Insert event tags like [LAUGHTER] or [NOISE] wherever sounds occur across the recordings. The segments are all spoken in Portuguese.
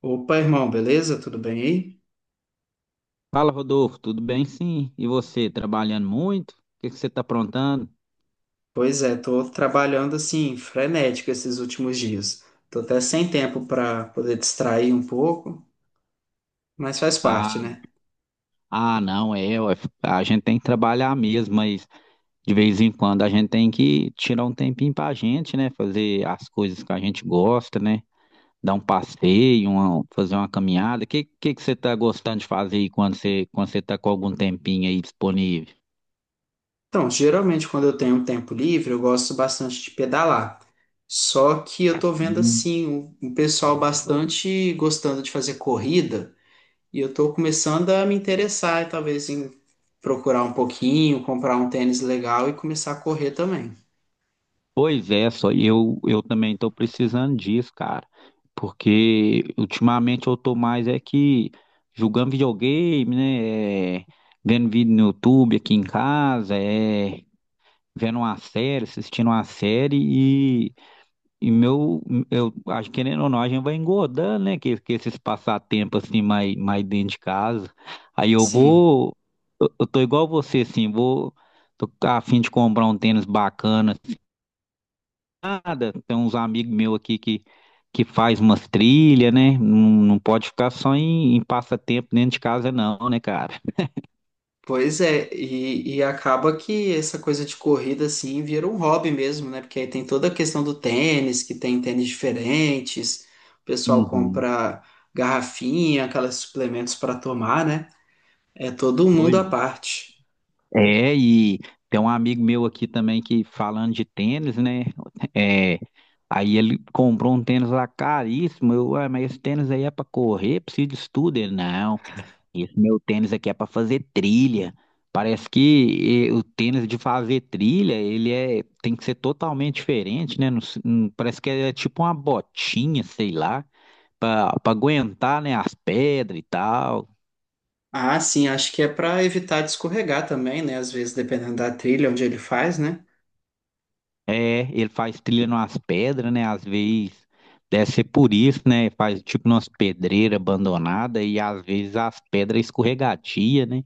Opa, irmão, beleza? Tudo bem aí? Fala, Rodolfo, tudo bem? Sim. E você, trabalhando muito? O que você está aprontando? Pois é, tô trabalhando assim, frenético esses últimos dias. Tô até sem tempo para poder distrair um pouco, mas faz parte, Ah, né? ah, não, é, ué, A gente tem que trabalhar mesmo, mas de vez em quando a gente tem que tirar um tempinho pra gente, né? Fazer as coisas que a gente gosta, né? Dar um passeio, fazer uma caminhada. O que você está gostando de fazer aí quando você tá com algum tempinho aí disponível? Então, geralmente quando eu tenho um tempo livre, eu gosto bastante de pedalar. Só que eu tô vendo assim, um pessoal bastante gostando de fazer corrida, e eu tô começando a me interessar, talvez, em procurar um pouquinho, comprar um tênis legal e começar a correr também. Pois é, só eu também estou precisando disso, cara. Porque ultimamente eu tô mais é que jogando videogame, né? Vendo vídeo no YouTube aqui em casa, é, vendo uma série, assistindo uma série e, e meu, eu acho que querendo ou não, a gente vai engordando, né? Que esses passatempos assim mais dentro de casa. Aí eu Sim. vou, eu tô igual você, assim, tô a fim de comprar um tênis bacana nada. Tem uns amigos meus aqui que faz umas trilhas, né? Não, não pode ficar só em passatempo dentro de casa, não, né, cara? Pois é, e acaba que essa coisa de corrida assim vira um hobby mesmo, né? Porque aí tem toda a questão do tênis, que tem tênis diferentes, o pessoal Uhum. compra garrafinha, aqueles suplementos para tomar, né? É todo um mundo Pois. à parte. É, e tem um amigo meu aqui também que falando de tênis, né? É, aí ele comprou um tênis lá caríssimo. Eu, "Ué, mas esse tênis aí é pra correr, precisa de estudo." Ele, não. Esse meu tênis aqui é para fazer trilha. Parece que o tênis de fazer trilha, tem que ser totalmente diferente, né? Parece que é tipo uma botinha, sei lá, para aguentar, né, as pedras e tal. Ah, sim, acho que é para evitar de escorregar também, né? Às vezes, dependendo da trilha onde ele faz, né? É, ele faz trilha nas pedras, né? Às vezes deve ser por isso, né? Faz tipo umas pedreiras abandonadas e às vezes as pedras escorregadias, né?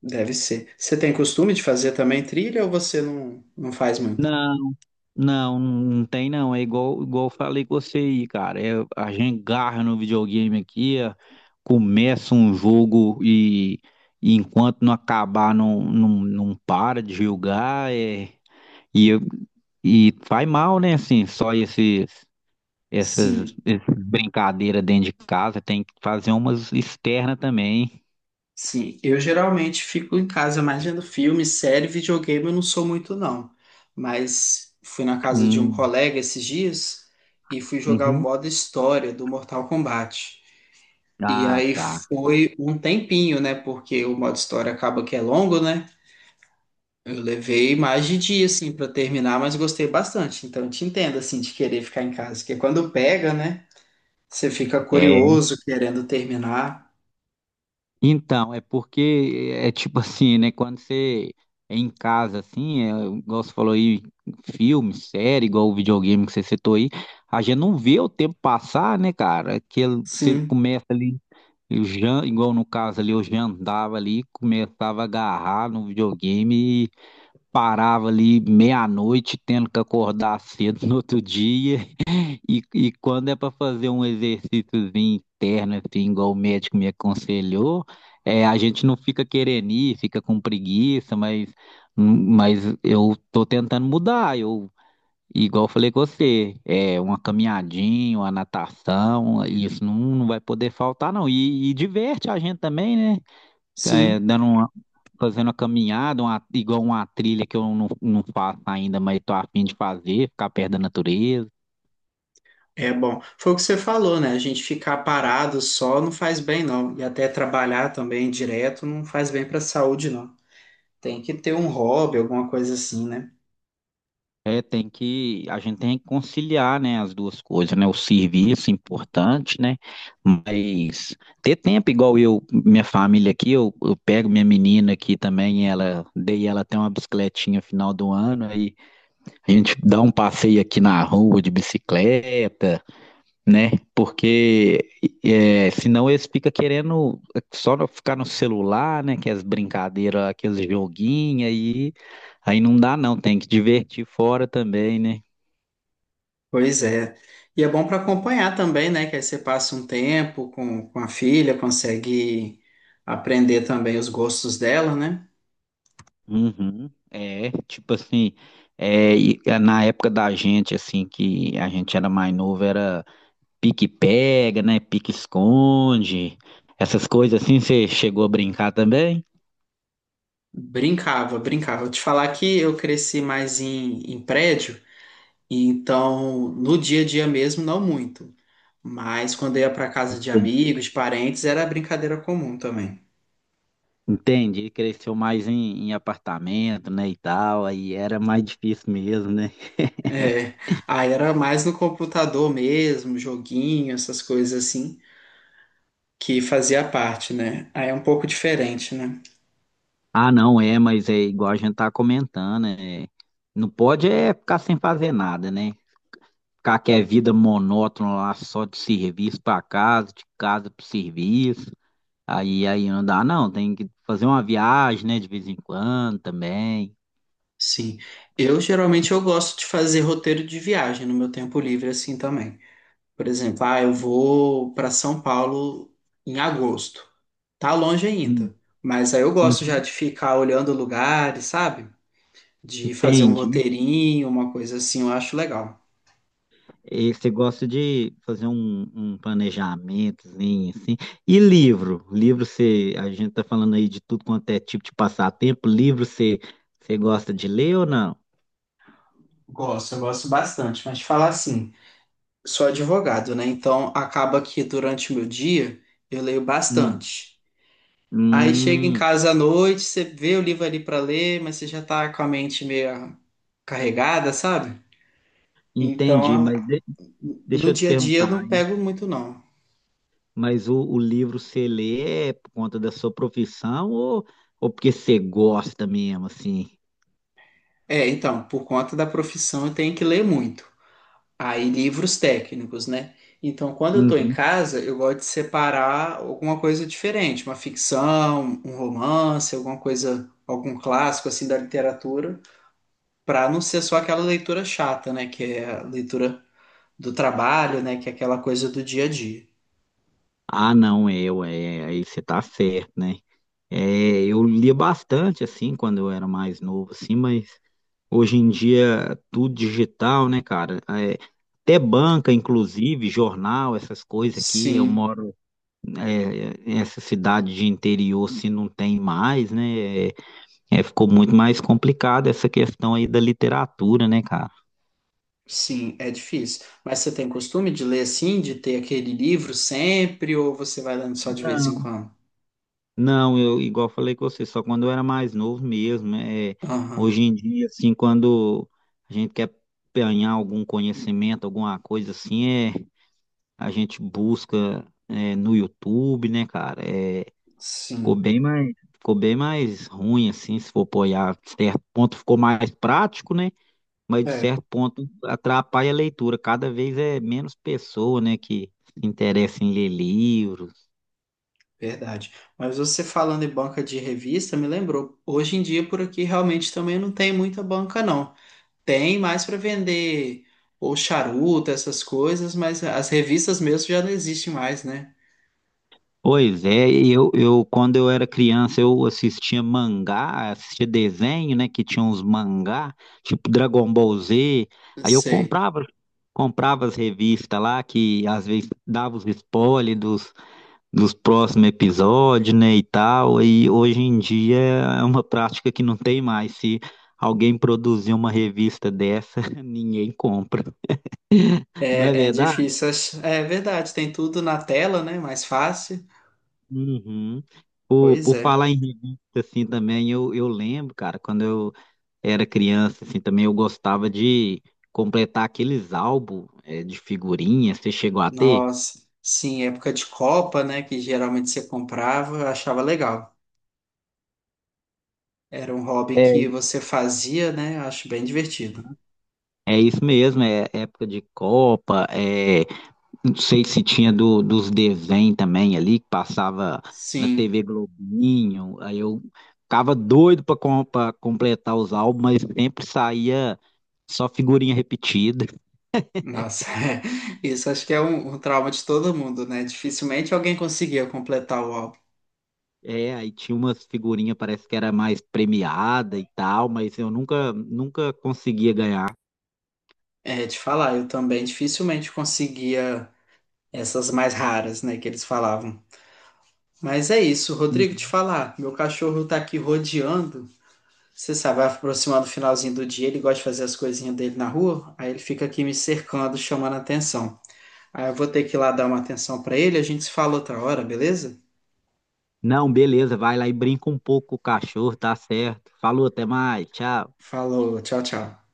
Deve ser. Você tem costume de fazer também trilha ou você não, não faz muito? Não, não tem não. É igual eu falei com você aí, cara. É, a gente garra no videogame aqui, é, começa um jogo e enquanto não acabar, não para de jogar. É, e, eu- e faz mal, né? Assim, essas, Sim, essas brincadeiras dentro de casa. Tem que fazer umas externas também. sim, eu geralmente fico em casa mais vendo filme, série, videogame, eu não sou muito não. Mas fui na casa de um Hum, colega esses dias e fui jogar o uhum. modo história do Mortal Kombat. E Ah, aí tá. foi um tempinho, né? Porque o modo história acaba que é longo, né? Eu levei mais de dia, assim, pra terminar, mas gostei bastante. Então eu te entendo, assim, de querer ficar em casa. Porque quando pega, né? Você fica É, curioso, querendo terminar. então, é porque é tipo [LAUGHS] assim, né? Quando você é em casa, assim, é, igual você falou aí, filme, série, igual o videogame que você citou aí, a gente não vê o tempo passar, né, cara? Que ele- você Sim, começa ali, igual no caso ali, eu já andava ali, começava a agarrar no videogame e parava ali meia-noite, tendo que acordar [LAUGHS] cedo no outro dia. E quando é para fazer um exercíciozinho interno, assim, igual o médico me aconselhou, é, a gente não fica querendo ir, fica com preguiça, mas eu tô tentando mudar. Igual eu falei com você, é uma caminhadinha, uma natação, isso não vai poder faltar, não. E diverte a gente também, né? É, sim. Fazendo uma caminhada, igual uma trilha que eu não faço ainda, mas tô a fim de fazer, ficar perto da natureza. É bom. Foi o que você falou, né? A gente ficar parado só não faz bem, não. E até trabalhar também direto não faz bem para a saúde, não. Tem que ter um hobby, alguma coisa assim, né? É, a gente tem que conciliar, né, as duas coisas, né, o serviço importante, né, mas ter tempo minha família aqui, eu pego minha menina aqui também, ela, dei ela até uma bicicletinha final do ano, aí a gente dá um passeio aqui na rua de bicicleta, né, porque é, senão eles ficam querendo só no- ficar no celular, né, que as brincadeiras, aqueles joguinhos aí, aí não dá não, tem que divertir fora também, né. Pois é. E é bom para acompanhar também, né? Que aí você passa um tempo com a filha, consegue aprender também os gostos dela, né? Uhum, é, tipo assim, é, na época da gente, assim, que a gente era mais novo, era pique-pega, né, pique-esconde, essas coisas assim, você chegou a brincar também? Brincava, brincava. Vou te falar que eu cresci mais em, em prédio, e então no dia a dia mesmo, não muito. Mas quando eu ia para casa de Sim. amigos, de parentes, era brincadeira comum também. Entende? Ele cresceu mais em apartamento, né, e tal, aí era mais difícil mesmo, né? É, aí era mais no computador mesmo, joguinho, essas coisas assim, que fazia parte, né? Aí é um pouco diferente, né? Ah, não, é, mas é igual a gente tá comentando, é, não pode é ficar sem fazer nada, né? Ficar que é vida monótona lá, só de serviço pra casa, de casa pro serviço. Aí não dá, não. Tem que fazer uma viagem, né, de vez em quando também. Sim. Eu geralmente eu gosto de fazer roteiro de viagem no meu tempo livre assim também. Por exemplo, ah, eu vou para São Paulo em agosto. Tá longe Hum, ainda, mas aí eu gosto já uhum, de ficar olhando lugares, sabe? De fazer um entendi. roteirinho, uma coisa assim, eu acho legal. E você gosta de fazer um planejamentozinho, assim. E livro? Livro você, a gente tá falando aí de tudo quanto é tipo de passatempo. Você gosta de ler ou não? Gosto, eu gosto bastante, mas te falar assim, sou advogado, né? Então acaba que durante o meu dia eu leio Hum, bastante. Aí chega em hum, casa à noite, você vê o livro ali para ler, mas você já tá com a mente meio carregada, sabe? Então, entendi, a- mas de- deixa no eu te dia a dia eu perguntar. não pego muito não. Mas o livro você lê é por conta da sua ou porque você gosta mesmo, assim? É, então, por conta da profissão eu tenho que ler muito. Aí, livros técnicos, né? Então, quando eu estou em Uhum. casa, eu gosto de separar alguma coisa diferente, uma ficção, um romance, alguma coisa, algum clássico assim da literatura, para não ser só aquela leitura chata, né? Que é a leitura do trabalho, né? Que é aquela coisa do dia a dia. Ah, não, eu, é, aí você tá certo, né? É, eu lia bastante, assim, quando eu era mais novo, assim, mas hoje em dia tudo digital, né, cara? É, até banca, inclusive, jornal, essas coisas aqui, eu Sim, moro é, nessa cidade de interior, se não tem mais, né? É, ficou muito mais complicado essa questão aí da literatura, né, cara? sim, é difícil. Mas você tem costume de ler assim, de ter aquele livro sempre, ou você vai lendo só de vez em quando? Não, eu igual falei com você, só quando eu era mais novo mesmo. É, Aham, hoje em dia, assim, quando a gente quer ganhar algum conhecimento, alguma coisa assim, é, a gente busca é, no YouTube, né, cara? É, sim. Ficou bem mais ruim, assim, se for apoiar. De certo ponto ficou mais prático, né? Mas de É certo ponto atrapalha a leitura. Cada vez é menos pessoa, né, que se interessa em ler livros. verdade. Mas você falando em banca de revista, me lembrou. Hoje em dia, por aqui, realmente também não tem muita banca, não. Tem mais para vender ou charuto, essas coisas, mas as revistas mesmo já não existem mais, né? Pois é, eu quando eu era criança eu assistia mangá, assistia desenho, né, que tinha uns mangá, tipo Dragon Ball Z. Não Aí eu sei. Comprava as revistas lá que às vezes dava os spoilers dos próximos episódios, né, e tal. E hoje em dia é uma prática que não tem mais. Se alguém produzir uma revista dessa, [LAUGHS] ninguém compra. Não é É, é difícil. É verdade, tem tudo na tela, né? Mais fácil. uhum. Pois Por é. falar em revista, assim, também, eu lembro, cara, quando eu era criança, assim, também eu gostava de completar aqueles álbuns, de figurinha, você chegou a ter? Nossa, sim, época de Copa, né? Que geralmente você comprava, eu achava legal. Era um hobby que É, você fazia, né? Eu acho bem divertido. é isso mesmo, é época de Copa, é, não sei se tinha dos desenhos também ali, que passava na Sim. TV Globinho, aí eu ficava doido completar os álbuns, mas sempre saía só figurinha repetida. Nossa, [LAUGHS] é. Isso acho que é um trauma de todo mundo, né? Dificilmente alguém conseguia completar o álbum. É, aí tinha umas figurinhas, parece que era mais premiada e tal, mas eu nunca conseguia ganhar. É, te falar, eu também dificilmente conseguia essas mais raras, né, que eles falavam. Mas é isso, Rodrigo, te Uhum. falar, meu cachorro tá aqui rodeando. Você sabe, vai aproximando o finalzinho do dia, ele gosta de fazer as coisinhas dele na rua, aí ele fica aqui me cercando, chamando a atenção. Aí eu vou ter que ir lá dar uma atenção pra ele, a gente se fala outra hora, beleza? Não, beleza, vai lá e brinca um pouco com o cachorro, tá certo. Falou, até mais, tchau. Falou, tchau, tchau.